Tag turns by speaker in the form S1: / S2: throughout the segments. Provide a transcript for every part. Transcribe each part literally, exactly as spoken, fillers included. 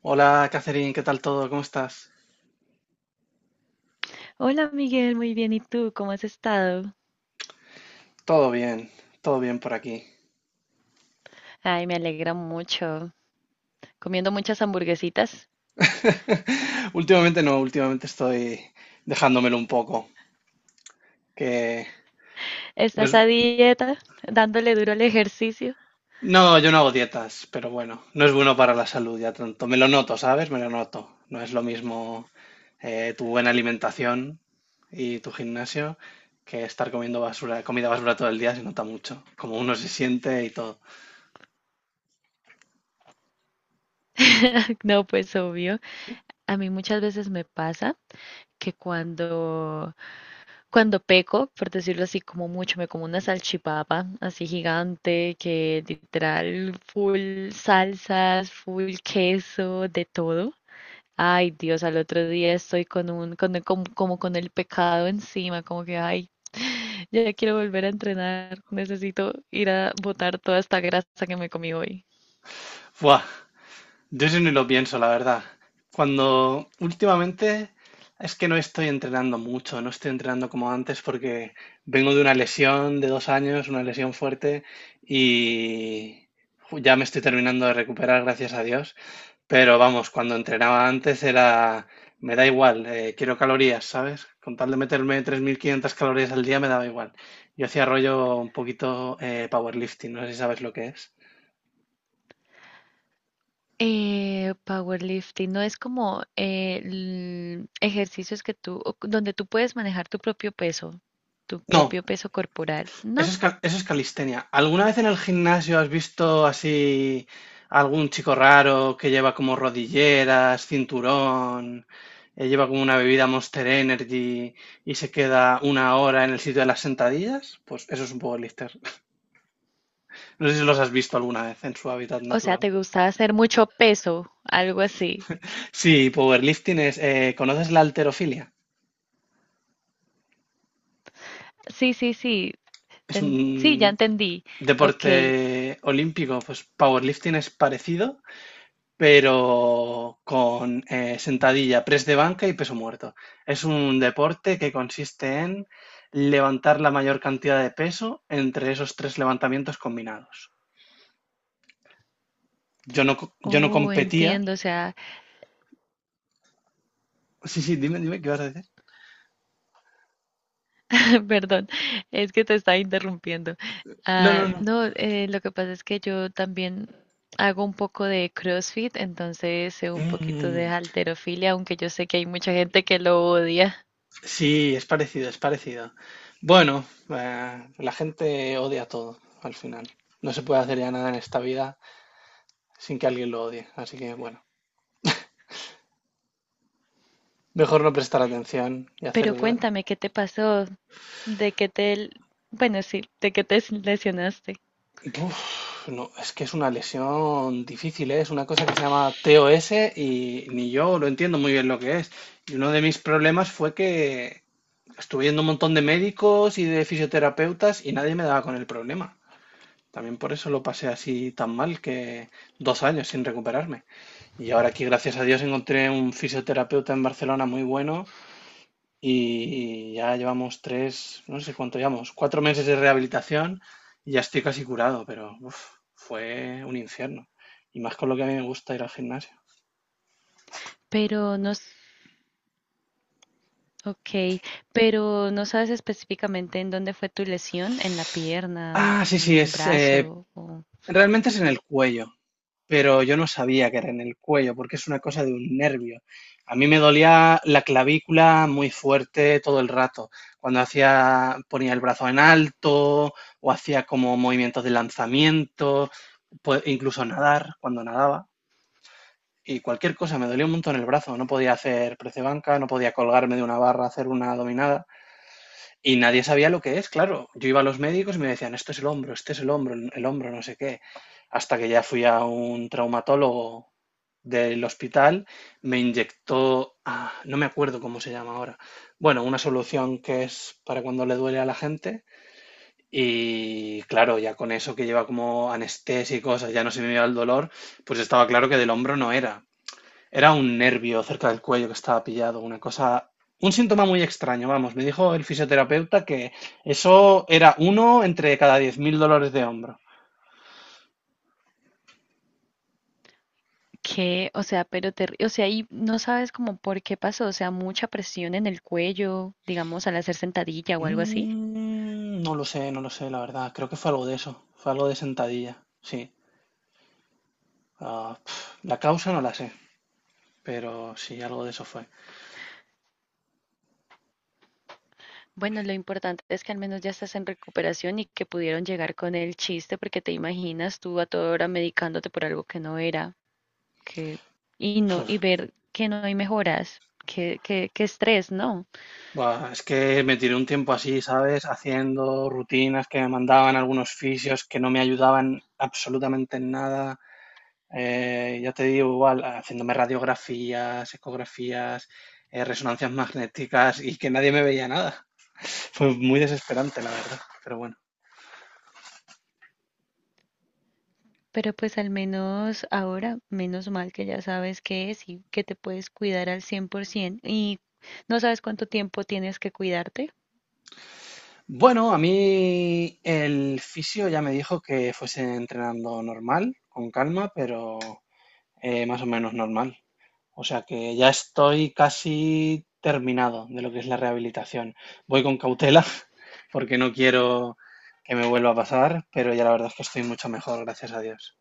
S1: Hola, Catherine, ¿qué tal todo? ¿Cómo estás?
S2: Hola Miguel, muy bien. ¿Y tú? ¿Cómo has estado?
S1: Todo bien, todo bien por aquí.
S2: Ay, me alegra mucho. Comiendo muchas hamburguesitas.
S1: Últimamente no, últimamente estoy dejándomelo un poco, que no
S2: ¿Estás
S1: es-
S2: a dieta? ¿Dándole duro al ejercicio?
S1: no, yo no hago dietas, pero bueno, no es bueno para la salud ya tanto. Me lo noto, ¿sabes? Me lo noto. No es lo mismo eh, tu buena alimentación y tu gimnasio que estar comiendo basura, comida basura todo el día. Se nota mucho, como uno se siente y todo.
S2: No, pues obvio. A mí muchas veces me pasa que cuando, cuando peco, por decirlo así, como mucho, me como una salchipapa así gigante, que literal full salsas, full queso, de todo. Ay, Dios, al otro día estoy con un, con, con- como con el pecado encima, como que, ay, ya quiero volver a entrenar. Necesito ir a botar toda esta grasa que me comí hoy.
S1: ¡Fua! Yo sí ni lo pienso, la verdad. Cuando Últimamente es que no estoy entrenando mucho, no estoy entrenando como antes porque vengo de una lesión de dos años, una lesión fuerte y ju- ya me estoy terminando de recuperar, gracias a Dios. Pero vamos, cuando entrenaba antes era, me da igual, eh, quiero calorías, ¿sabes? Con tal de meterme tres mil quinientas calorías al día, me daba igual. Yo hacía rollo un poquito eh, powerlifting, no sé si sabes lo que es.
S2: Eh, powerlifting no es como eh, l- ejercicios que tú, o- donde tú puedes manejar tu propio peso, tu
S1: No,
S2: propio peso corporal.
S1: eso
S2: No,
S1: es, cal- eso es calistenia. ¿Alguna vez en el gimnasio has visto así algún chico raro que lleva como rodilleras, cinturón, eh, lleva como una bebida Monster Energy y se queda una hora en el sitio de las sentadillas? Pues eso es un powerlifter. No sé si los has visto alguna vez en su hábitat
S2: o sea,
S1: natural.
S2: te gusta hacer mucho peso, algo así.
S1: Sí, powerlifting es... eh, ¿conoces la halterofilia?
S2: Sí, sí, sí,
S1: Es
S2: ten- sí, ya
S1: un
S2: entendí. Ok.
S1: deporte olímpico, pues powerlifting es parecido, pero con eh, sentadilla, press de banca y peso muerto. Es un deporte que consiste en levantar la mayor cantidad de peso entre esos tres levantamientos combinados. Yo no, co- yo no
S2: Oh,
S1: competía.
S2: entiendo, o sea…
S1: Sí, sí, dime, dime, ¿qué vas a decir?
S2: Perdón, es que te estaba interrumpiendo.
S1: No,
S2: Ah,
S1: no, no.
S2: no, eh, lo que pasa es que yo también hago un poco de CrossFit, entonces sé un poquito de
S1: Mm,
S2: halterofilia, aunque yo sé que hay mucha gente que lo odia.
S1: sí, es parecido, es parecido. Bueno, eh, la gente odia todo al final. No se puede hacer ya nada en esta vida sin que alguien lo odie. Así que bueno, mejor no prestar atención y hacer.
S2: Pero cuéntame, ¿qué te pasó? ¿De qué te, bueno, sí, de qué te lesionaste?
S1: Uf, no, es que es una lesión difícil, ¿eh? Es una cosa que se llama T O S y ni yo lo entiendo muy bien lo que es. Y uno de mis problemas fue que estuve yendo a un montón de médicos y de fisioterapeutas y nadie me daba con el problema. También por eso lo pasé así tan mal, que dos años sin recuperarme. Y ahora aquí, gracias a Dios, encontré un fisioterapeuta en Barcelona muy bueno y, y ya llevamos tres, no sé cuánto llevamos, cuatro meses de rehabilitación y ya estoy casi curado, pero uf, fue un infierno. Y más con lo que a mí me gusta ir al gimnasio.
S2: Pero no, s- ok, pero no sabes específicamente en dónde fue tu lesión, en la pierna,
S1: Ah, sí, sí,
S2: en un
S1: es, eh,
S2: brazo, o…
S1: realmente es en el cuello, pero yo no sabía que era en el cuello porque es una cosa de un nervio. A mí me dolía la clavícula muy fuerte todo el rato. Cuando hacía, ponía el brazo en alto o hacía como movimientos de lanzamiento, po- incluso nadar, cuando nadaba. Y cualquier cosa, me dolía un montón el brazo, no podía hacer prece banca, no podía colgarme de una barra, hacer una dominada y nadie sabía lo que es, claro. Yo iba a los médicos y me decían, esto es el hombro, este es el hombro, el hombro, no sé qué, hasta que ya fui a un traumatólogo del hospital, me inyectó, ah, no me acuerdo cómo se llama ahora, bueno, una solución que es para cuando le duele a la gente. Y claro, ya con eso que lleva como anestesia y cosas, ya no se me iba el dolor, pues estaba claro que del hombro no era, era un nervio cerca del cuello que estaba pillado, una cosa, un síntoma muy extraño, vamos. Me dijo el fisioterapeuta que eso era uno entre cada diez mil dolores de hombro.
S2: Que, o sea, pero te, o sea, y no sabes como por qué pasó, o sea, mucha presión en el cuello, digamos, al hacer sentadilla o algo así.
S1: Mm, no lo sé, no lo sé, la verdad. Creo que fue algo de eso. Fue algo de sentadilla. Sí. Ah, pf, la causa no la sé, pero sí, algo de eso fue.
S2: Bueno, lo importante es que al menos ya estás en recuperación y que pudieron llegar con el chiste, porque te imaginas tú a toda hora medicándote por algo que no era, que, y no, y
S1: Uf,
S2: ver que no hay mejoras, que, que, que estrés, ¿no?
S1: buah, es que me tiré un tiempo así, ¿sabes? Haciendo rutinas que me mandaban algunos fisios que no me ayudaban absolutamente en nada. Eh, ya te digo, igual, haciéndome radiografías, ecografías, eh, resonancias magnéticas y que nadie me veía nada. Fue muy desesperante, la verdad, pero bueno.
S2: Pero pues al menos ahora, menos mal que ya sabes qué es y que te puedes cuidar al cien por ciento y no sabes cuánto tiempo tienes que cuidarte.
S1: Bueno, a mí el fisio ya me dijo que fuese entrenando normal, con calma, pero eh, más o menos normal. O sea, que ya estoy casi terminado de lo que es la rehabilitación. Voy con cautela porque no quiero que me vuelva a pasar, pero ya la verdad es que estoy mucho mejor, gracias a Dios.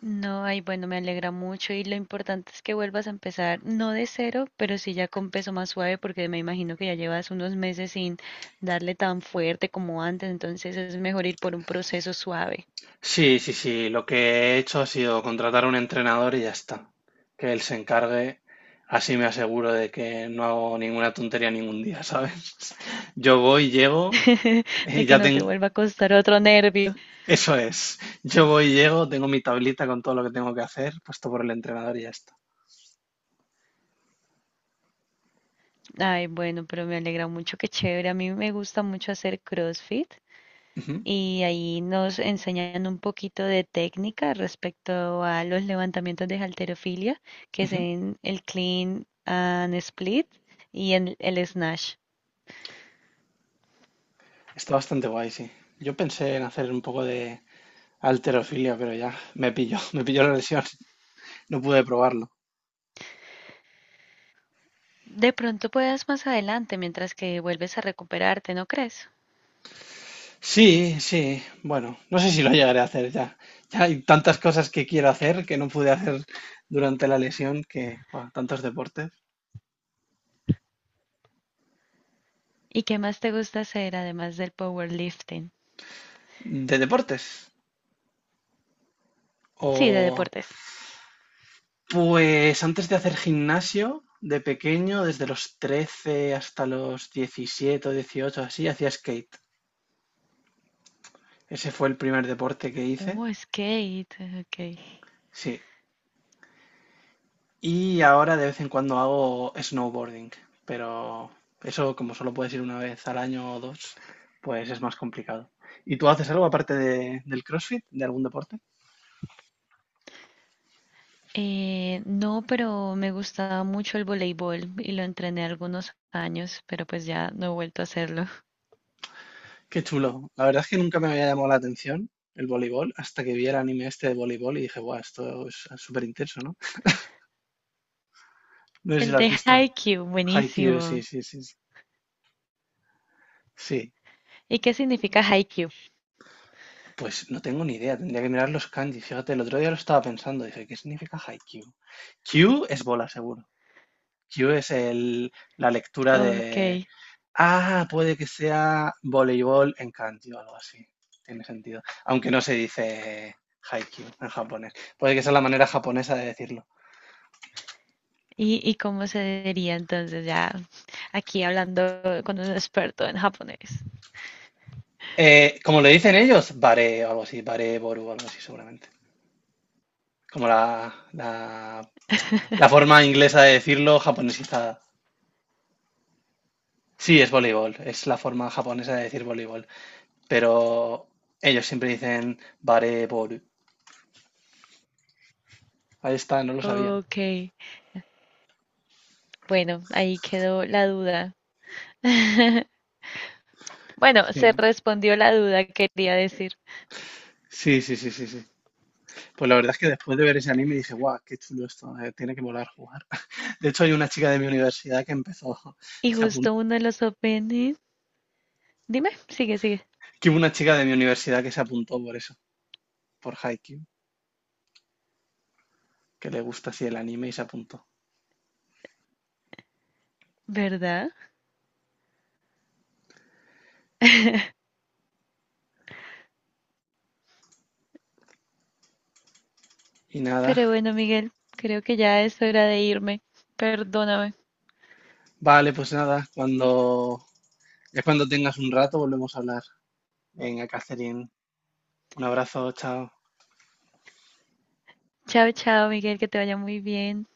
S2: No, ay, bueno, me alegra mucho y lo importante es que vuelvas a empezar, no de cero, pero sí ya con peso más suave, porque me imagino que ya llevas unos meses sin darle tan fuerte como antes, entonces es mejor ir por un proceso suave,
S1: Sí, sí, sí. Lo que he hecho ha sido contratar a un entrenador y ya está. Que él se encargue. Así me aseguro de que no hago ninguna tontería ningún día, ¿sabes? Yo voy, llego,
S2: de que
S1: ya
S2: no te
S1: tengo...
S2: vuelva a costar otro nervio.
S1: Eso es. Yo voy, llego, tengo mi tablita con todo lo que tengo que hacer, puesto por el entrenador y ya está.
S2: Ay, bueno, pero me alegra mucho, qué chévere, a mí me gusta mucho hacer CrossFit.
S1: Ujú,
S2: Y ahí nos enseñan un poquito de técnica respecto a los levantamientos de halterofilia, que es
S1: ujú.
S2: en el clean and split y en el snatch.
S1: Está bastante guay, sí. Yo pensé en hacer un poco de alterofilia, pero ya me pilló, me pilló la lesión. No pude probarlo.
S2: De pronto puedas más adelante mientras que vuelves a recuperarte, ¿no crees?
S1: Sí, sí. Bueno, no sé si lo llegaré a hacer ya. Ya hay tantas cosas que quiero hacer que no pude hacer durante la lesión que, buah, tantos deportes.
S2: ¿Y qué más te gusta hacer además del powerlifting?
S1: ¿De deportes?
S2: Sí, de
S1: O
S2: deportes.
S1: pues antes de hacer gimnasio, de pequeño, desde los trece hasta los diecisiete, o dieciocho, así, hacía skate. Ese fue el primer deporte que hice.
S2: Oh, skate, ok.
S1: Sí. Y ahora de vez en cuando hago snowboarding, pero eso como solo puedes ir una vez al año o dos, pues es más complicado. ¿Y tú haces algo aparte de- del CrossFit, de algún deporte?
S2: Eh, no, pero me gustaba mucho el voleibol y lo entrené algunos años, pero pues ya no he vuelto a hacerlo.
S1: Qué chulo. La verdad es que nunca me había llamado la atención el voleibol hasta que vi el anime este de voleibol y dije, guau, esto es súper intenso, ¿no? No sé si
S2: El
S1: lo has
S2: de
S1: visto.
S2: Haikyuu,
S1: Haikyuu,
S2: buenísimo.
S1: sí, sí, sí. Sí, sí,
S2: ¿Y qué significa Haikyuu?
S1: pues no tengo ni idea. Tendría que mirar los kanji. Fíjate, el otro día lo estaba pensando. Dije, ¿qué significa Haikyuu? Q es bola, seguro. Q es el, la lectura
S2: Ok.
S1: de. Ah, puede que sea voleibol en kanji o algo así. Tiene sentido. Aunque no se dice haikyuu en japonés. Puede que sea la manera japonesa de decirlo.
S2: ¿Y, y cómo se diría entonces ya aquí hablando con un experto en japonés?
S1: Eh, como le dicen ellos, bare o algo así, bare boru o algo así, seguramente. Como la, la, la forma inglesa de decirlo japonesizada. Sí, es voleibol, es la forma japonesa de decir voleibol. Pero ellos siempre dicen bare boru. Ahí está, no lo sabía.
S2: Ok. Bueno, ahí quedó la duda. Bueno, se
S1: Sí.
S2: respondió la duda, quería decir.
S1: Sí, sí, sí, sí, sí. Pues la verdad es que después de ver ese anime dije, guau, qué chulo esto, eh, tiene que volar a jugar. De hecho, hay una chica de mi universidad que empezó,
S2: Y
S1: se apuntó,
S2: justo uno de los openings. Dime, sigue, sigue.
S1: que hubo una chica de mi universidad que se apuntó por eso, por Haikyuu, que le gusta así el anime y se apuntó.
S2: ¿Verdad?
S1: Y nada,
S2: Pero bueno, Miguel, creo que ya es hora de irme. Perdóname.
S1: vale, pues nada, cuando, ya cuando tengas un rato volvemos a hablar. Venga, Catherine, un abrazo, chao.
S2: Chao, chao, Miguel, que te vaya muy bien.